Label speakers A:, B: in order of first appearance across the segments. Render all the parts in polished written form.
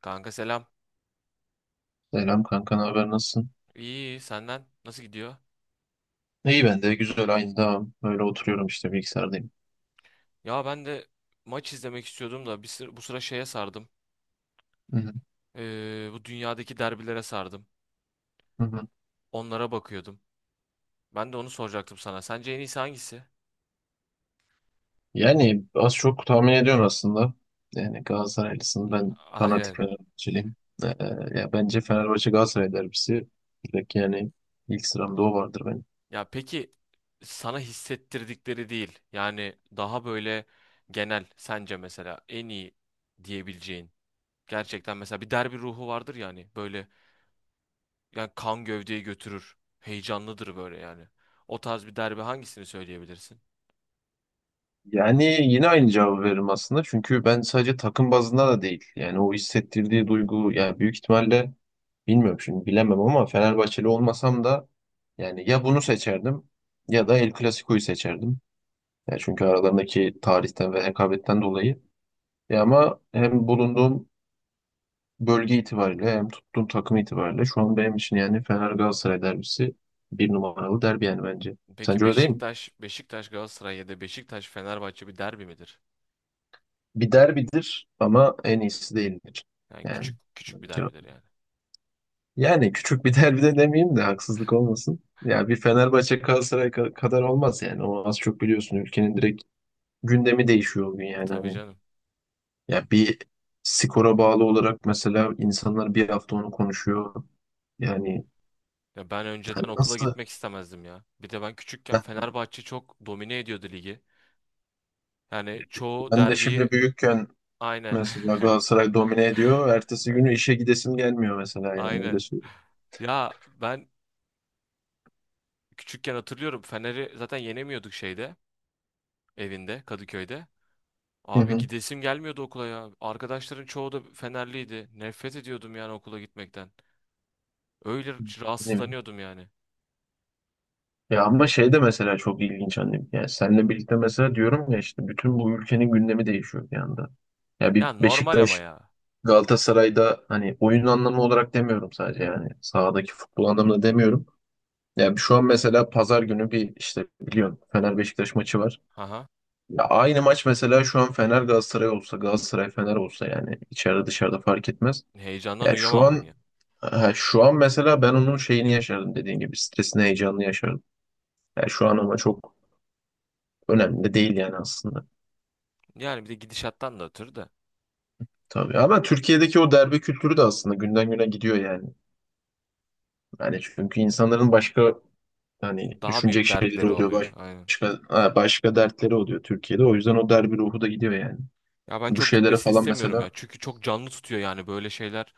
A: Kanka selam.
B: Selam kanka, ne haber, nasılsın?
A: İyi, iyi senden nasıl gidiyor?
B: İyi ben de güzel, aynı devam. Öyle oturuyorum işte, bilgisayardayım.
A: Ya ben de maç izlemek istiyordum da bu sıra şeye sardım.
B: Hı hı,
A: Bu dünyadaki derbilere sardım.
B: hı hı.
A: Onlara bakıyordum. Ben de onu soracaktım sana. Sence en iyisi hangisi?
B: Yani az çok tahmin ediyorsun aslında. Yani Galatasaraylısın, ben fanatik
A: Aynen.
B: Fenerbahçeliyim. Ee, Ya bence Fenerbahçe Galatasaray derbisi direkt yani ilk sıramda o vardır benim.
A: Ya peki sana hissettirdikleri değil. Yani daha böyle genel sence mesela en iyi diyebileceğin. Gerçekten mesela bir derbi ruhu vardır yani. Böyle yani kan gövdeyi götürür. Heyecanlıdır böyle yani. O tarz bir derbi hangisini söyleyebilirsin?
B: Yani yine aynı cevabı veririm aslında. Çünkü ben sadece takım bazında da değil. Yani o hissettirdiği duygu, yani büyük ihtimalle. Bilmiyorum, şimdi bilemem ama Fenerbahçeli olmasam da yani ya bunu seçerdim ya da El Clasico'yu seçerdim. Ya çünkü aralarındaki tarihten ve hekabetten dolayı. Ya ama hem bulunduğum bölge itibariyle hem tuttuğum takım itibariyle şu an benim için yani Fener Galatasaray derbisi bir numaralı derbi yani bence.
A: Peki
B: Sence öyle değil mi?
A: Beşiktaş, Beşiktaş Galatasaray ya da Beşiktaş Fenerbahçe bir derbi midir?
B: Bir derbidir ama en iyisi değildir.
A: Yani
B: Yani
A: küçük küçük bir
B: bence,
A: derbidir yani.
B: yani küçük bir derbi de demeyeyim de haksızlık olmasın. Ya bir Fenerbahçe Galatasaray kadar olmaz yani. O az çok biliyorsun, ülkenin direkt gündemi değişiyor o gün yani
A: Tabii
B: hani.
A: canım.
B: Ya bir skora bağlı olarak mesela insanlar bir hafta onu konuşuyor. Yani
A: Ya ben önceden
B: hani
A: okula
B: nasıl?
A: gitmek istemezdim ya. Bir de ben küçükken
B: Heh,
A: Fenerbahçe çok domine ediyordu ligi. Yani çoğu
B: Ben de
A: derbiyi
B: şimdi büyükken
A: aynen.
B: mesela Galatasaray domine ediyor. Ertesi
A: Ay-
B: günü işe gidesim gelmiyor mesela, yani öyle
A: Aynen.
B: söyleyeyim.
A: Ya ben küçükken hatırlıyorum Fener'i zaten yenemiyorduk şeyde, evinde, Kadıköy'de. Abi
B: Hı
A: gidesim gelmiyordu okula ya. Arkadaşların çoğu da Fenerliydi. Nefret ediyordum yani okula gitmekten. Öyle
B: hı.
A: rahatsızlanıyordum yani.
B: Ya ama şey de mesela çok ilginç annem. Yani seninle birlikte mesela diyorum ya, işte bütün bu ülkenin gündemi değişiyor bir anda. Ya bir
A: Ya normal ama
B: Beşiktaş,
A: ya.
B: Galatasaray'da hani oyun anlamı olarak demiyorum, sadece yani sahadaki futbol anlamında demiyorum. Ya şu an mesela pazar günü bir işte biliyorsun Fener Beşiktaş maçı var.
A: Aha.
B: Ya aynı maç mesela şu an Fener Galatasaray olsa, Galatasaray Fener olsa, yani içeride dışarıda fark etmez.
A: Heyecandan
B: Ya şu
A: uyuyamam ben
B: an
A: ya.
B: ha, şu an mesela ben onun şeyini yaşardım, dediğin gibi stresini, heyecanını yaşardım. Ya şu an ama çok önemli de değil yani aslında.
A: Yani bir de gidişattan da ötürü de
B: Tabii ama Türkiye'deki o derbe kültürü de aslında günden güne gidiyor yani. Yani çünkü insanların başka hani
A: daha
B: düşünecek
A: büyük
B: şeyleri
A: dertleri
B: oluyor,
A: oluyor. Aynen.
B: başka dertleri oluyor Türkiye'de. O yüzden o derbi ruhu da gidiyor yani.
A: Ya ben
B: Bu
A: çok
B: şeylere
A: gitmesini
B: falan
A: istemiyorum
B: mesela
A: ya. Çünkü çok canlı tutuyor yani böyle şeyler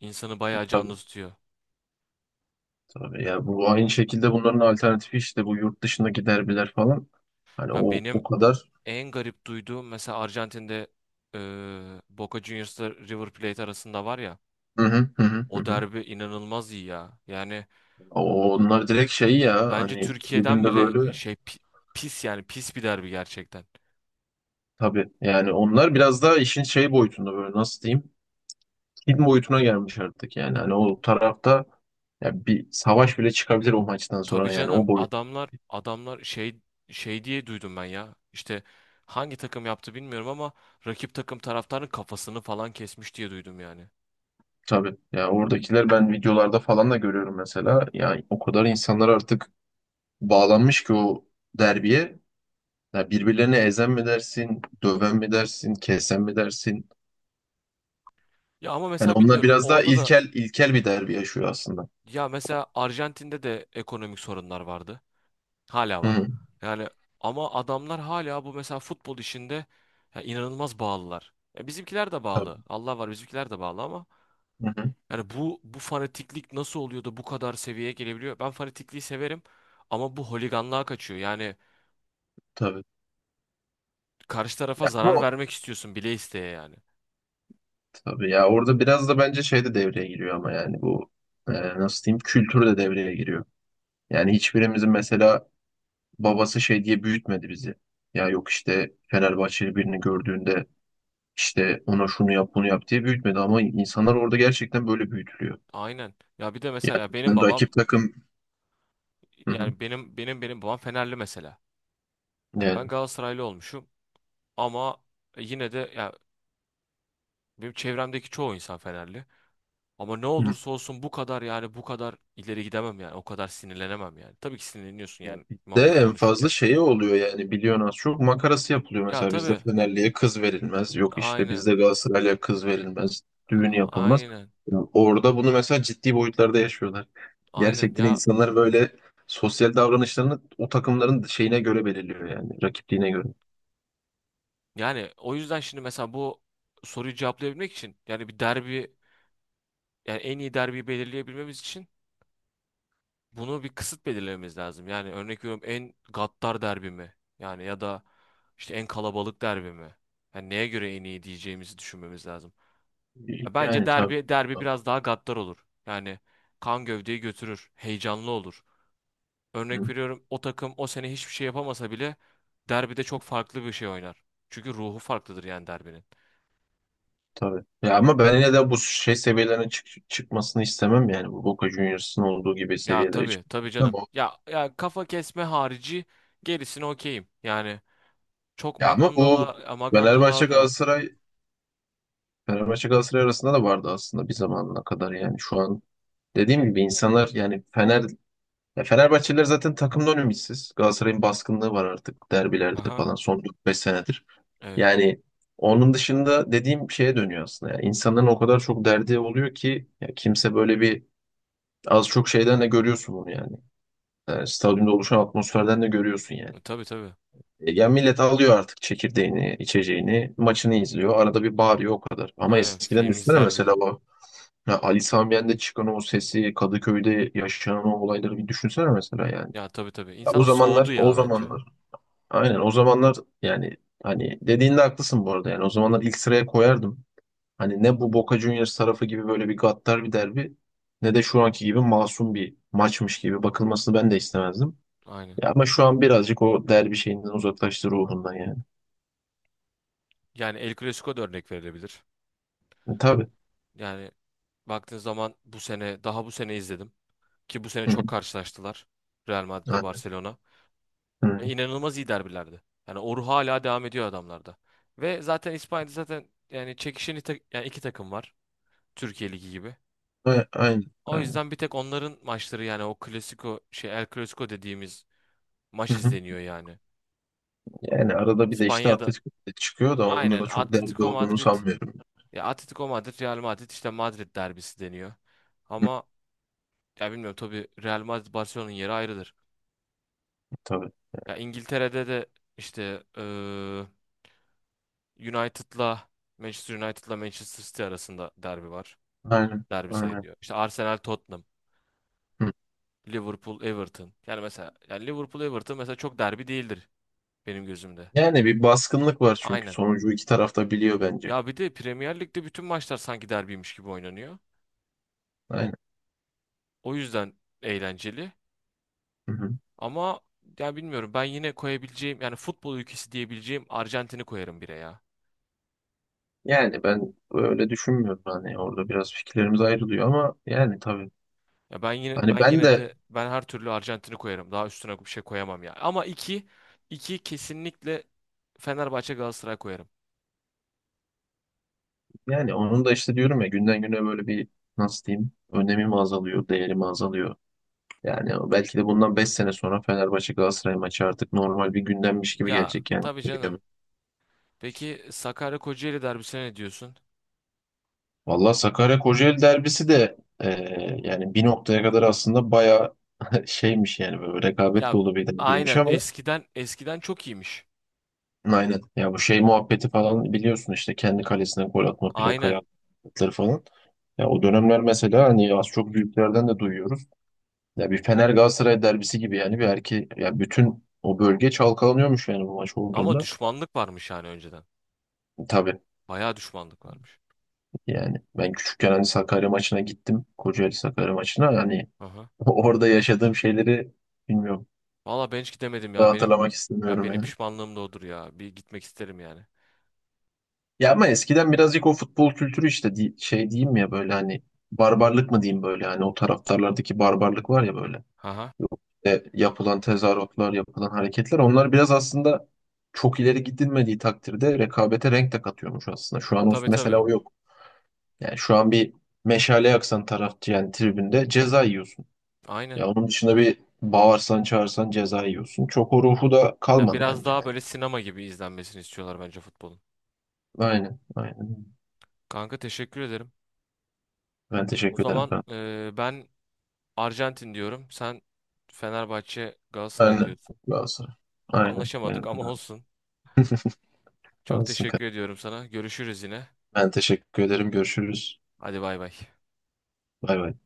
A: insanı bayağı canlı
B: tabii
A: tutuyor.
B: tabii, ya bu aynı şekilde bunların alternatifi işte bu yurt dışındaki derbiler falan. Hani
A: Ya
B: o
A: benim
B: o kadar.
A: en garip duyduğum mesela Arjantin'de Boca Juniors'la River Plate arasında var ya.
B: Hı hı hı hı. Hı
A: O
B: hı.
A: derbi inanılmaz iyi ya. Yani
B: Onlar direkt şey, ya
A: bence
B: hani
A: Türkiye'den
B: tribünde
A: bile
B: böyle.
A: pis yani pis bir derbi gerçekten.
B: Tabii yani onlar biraz daha işin şey boyutunda, böyle nasıl diyeyim? Film boyutuna gelmiş artık yani. Hani o tarafta, ya bir savaş bile çıkabilir o maçtan
A: Tabii
B: sonra, yani
A: canım
B: o boyut.
A: adamlar şey şey diye duydum ben ya. İşte hangi takım yaptı bilmiyorum ama rakip takım taraftarın kafasını falan kesmiş diye duydum yani.
B: Tabii. Ya oradakiler, ben videolarda falan da görüyorum mesela. Yani o kadar insanlar artık bağlanmış ki o derbiye. Ya birbirlerine ezen mi dersin, döven mi dersin, kesen mi dersin?
A: Ya ama
B: Yani
A: mesela
B: onlar
A: bilmiyorum
B: biraz daha
A: orada da
B: ilkel ilkel bir derbi yaşıyor aslında.
A: ya mesela Arjantin'de de ekonomik sorunlar vardı. Hala
B: Hı
A: var.
B: hı.
A: Yani ama adamlar hala bu mesela futbol işinde ya inanılmaz bağlılar. Ya bizimkiler de bağlı.
B: Tabii.
A: Allah var bizimkiler de bağlı ama
B: Hı hı.
A: yani bu fanatiklik nasıl oluyor da bu kadar seviyeye gelebiliyor? Ben fanatikliği severim ama bu holiganlığa kaçıyor. Yani
B: Tabii.
A: karşı tarafa
B: Ya,
A: zarar vermek istiyorsun bile isteye yani.
B: tabii ya, orada biraz da bence şey de devreye giriyor ama yani bu nasıl diyeyim, kültür de devreye giriyor. Yani hiçbirimizin mesela babası şey diye büyütmedi bizi. Ya yok işte Fenerbahçeli birini gördüğünde işte ona şunu yap bunu yap diye büyütmedi, ama insanlar orada gerçekten böyle büyütülüyor.
A: Aynen. Ya bir de mesela benim
B: Yani
A: babam
B: rakip takım. Hı hı.
A: yani benim babam Fenerli mesela. Yani ben
B: Yani.
A: Galatasaraylı olmuşum ama yine de ya benim çevremdeki çoğu insan Fenerli. Ama ne olursa olsun bu kadar yani bu kadar ileri gidemem yani. O kadar sinirlenemem yani. Tabii ki sinirleniyorsun
B: Ya
A: yani
B: bizde
A: muhabbet
B: en fazla
A: konuşurken.
B: şey oluyor yani, biliyorsun az çok makarası yapılıyor.
A: Ya
B: Mesela bizde
A: tabii.
B: Fenerli'ye kız verilmez. Yok işte
A: Aynen.
B: bizde Galatasaray'a kız verilmez. Düğün yapılmaz.
A: Aynen.
B: Ya orada bunu mesela ciddi boyutlarda yaşıyorlar.
A: Aynen
B: Gerçekten
A: ya
B: insanlar böyle sosyal davranışlarını o takımların şeyine göre belirliyor, yani rakipliğine göre.
A: yani o yüzden şimdi mesela bu soruyu cevaplayabilmek için yani bir derbi yani en iyi derbiyi belirleyebilmemiz için bunu bir kısıt belirlememiz lazım. Yani örnek veriyorum en gaddar derbi mi? Yani ya da işte en kalabalık derbi mi? Yani neye göre en iyi diyeceğimizi düşünmemiz lazım. Ya bence
B: Yani tabii.
A: derbi derbi biraz daha gaddar olur. Yani kan gövdeyi götürür, heyecanlı olur.
B: Hı,
A: Örnek veriyorum o takım o sene hiçbir şey yapamasa bile derbide çok farklı bir şey oynar. Çünkü ruhu farklıdır yani derbinin.
B: tabii. Ya ama ben yine de bu şey seviyelerine çıkmasını istemem, yani bu Boca Juniors'ın olduğu gibi
A: Ya
B: seviyelere
A: tabii
B: çıkmasını
A: tabii
B: istemem.
A: canım. Ya ya kafa kesme harici gerisini okeyim. Yani çok
B: Ya ama bu
A: magandala
B: Fenerbahçe
A: magandala da
B: Galatasaray Fenerbahçe Galatasaray arasında da vardı aslında, bir zamanına kadar. Yani şu an dediğim gibi insanlar yani ya Fenerbahçeliler zaten takımdan ümitsiz. Galatasaray'ın baskınlığı var artık derbilerde
A: aha
B: falan son dört beş senedir.
A: evet.
B: Yani onun dışında dediğim şeye dönüyor aslında. Yani insanların o kadar çok derdi oluyor ki, ya kimse böyle bir, az çok şeyden de görüyorsun bunu yani. Yani stadyumda oluşan atmosferden de görüyorsun yani.
A: Tabii tabii.
B: Yani millet alıyor artık çekirdeğini, içeceğini, maçını izliyor. Arada bir bağırıyor, o kadar. Ama
A: Aynen
B: eskiden
A: film
B: düşünsene
A: izler
B: mesela.
A: gibi.
B: Ya Ali Sami Yen'de çıkan o sesi, Kadıköy'de yaşanan o olayları bir düşünsene mesela yani.
A: Ya tabii tabii.
B: Ya
A: İnsan
B: o
A: da soğudu
B: zamanlar, o
A: ya bence.
B: zamanlar. Aynen o zamanlar, yani hani dediğinde haklısın bu arada yani. O zamanlar ilk sıraya koyardım. Hani ne bu Boca Juniors tarafı gibi böyle bir gaddar bir derbi, ne de şu anki gibi masum bir maçmış gibi bakılmasını ben de istemezdim.
A: Aynen.
B: Ya ama şu an birazcık o derbi şeyinden uzaklaştı, ruhundan yani.
A: Yani El Clasico da örnek verilebilir.
B: E, tabii.
A: Yani baktığın zaman bu sene daha bu sene izledim ki bu sene
B: Hı hı.
A: çok karşılaştılar. Real Madrid'le
B: Aynen.
A: Barcelona. İnanılmaz iyi derbilerdi. Yani o ruh hala devam ediyor adamlarda. Ve zaten İspanya'da zaten yani yani iki takım var. Türkiye Ligi gibi.
B: Hı. Aynen.
A: O
B: Aynen.
A: yüzden bir tek onların maçları yani o Clasico şey El Clasico dediğimiz maç
B: Hı hı.
A: izleniyor yani.
B: Yani arada bir de işte
A: İspanya'da
B: Atletico de çıkıyor da, onun
A: aynen
B: da çok derdi
A: Atletico
B: olduğunu
A: Madrid
B: sanmıyorum.
A: ya Atletico Madrid Real Madrid işte Madrid derbisi deniyor.
B: Hı,
A: Ama ya bilmiyorum tabii Real Madrid Barcelona'nın yeri ayrıdır.
B: tabii.
A: Ya İngiltere'de de işte United'la Manchester United'la Manchester City arasında derbi var.
B: Aynen.
A: Derbi
B: Aynen.
A: sayılıyor. İşte Arsenal Tottenham,
B: Hı.
A: Liverpool Everton. Yani mesela yani Liverpool Everton mesela çok derbi değildir benim gözümde.
B: Yani bir baskınlık var, çünkü
A: Aynen.
B: sonucu iki taraf da biliyor bence.
A: Ya bir de Premier Lig'de bütün maçlar sanki derbiymiş gibi oynanıyor.
B: Aynen.
A: O yüzden eğlenceli.
B: Hı hı.
A: Ama ya bilmiyorum ben yine koyabileceğim yani futbol ülkesi diyebileceğim Arjantin'i koyarım bire ya.
B: Yani ben öyle düşünmüyorum, hani orada biraz fikirlerimiz ayrılıyor ama yani tabii.
A: Ya ben yine
B: Hani
A: ben
B: ben
A: yine
B: de,
A: de ben her türlü Arjantin'i koyarım. Daha üstüne bir şey koyamam ya. Ama iki kesinlikle Fenerbahçe Galatasaray koyarım.
B: yani onun da işte diyorum ya, günden güne böyle bir, nasıl diyeyim, önemi mi azalıyor, değeri mi azalıyor. Yani belki de bundan 5 sene sonra Fenerbahçe Galatasaray maçı artık normal bir gündemmiş gibi
A: Ya
B: gelecek yani.
A: tabii canım. Peki Sakarya Kocaeli derbisine ne diyorsun?
B: Valla Sakarya Kocaeli derbisi de yani bir noktaya kadar aslında bayağı şeymiş yani, böyle rekabet
A: Ya
B: dolu bir derbiymiş,
A: aynen
B: ama
A: eskiden çok iyiymiş.
B: aynen ya, bu şey muhabbeti falan biliyorsun, işte kendi kalesine gol atma, plakaya
A: Aynen.
B: atları falan. Ya o dönemler mesela, hani az çok büyüklerden de duyuyoruz. Ya bir Fener Galatasaray derbisi gibi, yani bir erki ya, bütün o bölge çalkalanıyormuş yani bu maç
A: Ama
B: olduğunda.
A: düşmanlık varmış yani önceden.
B: Tabii,
A: Bayağı düşmanlık varmış.
B: yani ben küçükken hani Sakarya maçına gittim. Kocaeli Sakarya maçına yani,
A: Aha.
B: orada yaşadığım şeyleri bilmiyorum.
A: Valla ben hiç gidemedim
B: Daha
A: ya.
B: hatırlamak istemiyorum
A: Benim
B: yani.
A: pişmanlığım da odur ya. Bir gitmek isterim yani.
B: Ya ama eskiden birazcık o futbol kültürü işte şey diyeyim ya, böyle hani barbarlık mı diyeyim, böyle hani o taraftarlardaki barbarlık var ya, böyle.
A: Aha.
B: E, yapılan tezahüratlar, yapılan hareketler, onlar biraz aslında, çok ileri gidilmediği takdirde rekabete renk de katıyormuş aslında. Şu an o,
A: Tabii tabii.
B: mesela o yok. Yani şu an bir meşale yaksan tarafçı, yani tribünde ceza yiyorsun.
A: Aynen.
B: Ya onun dışında bir bağırsan çağırsan ceza yiyorsun. Çok o ruhu da
A: Ya
B: kalmadı
A: biraz
B: bence.
A: daha
B: Yani.
A: böyle sinema gibi izlenmesini istiyorlar bence futbolun.
B: Aynen, aynen.
A: Kanka teşekkür ederim.
B: Ben
A: O
B: teşekkür ederim.
A: zaman ben Arjantin diyorum. Sen Fenerbahçe Galatasaray
B: Aynen.
A: diyorsun.
B: Galatasaray. Aynen.
A: Anlaşamadık
B: Benim
A: ama
B: kucağım.
A: olsun. Çok
B: Alsın,
A: teşekkür
B: kanka.
A: ediyorum sana. Görüşürüz yine.
B: Ben teşekkür ederim. Görüşürüz.
A: Hadi bay bay.
B: Bay bay.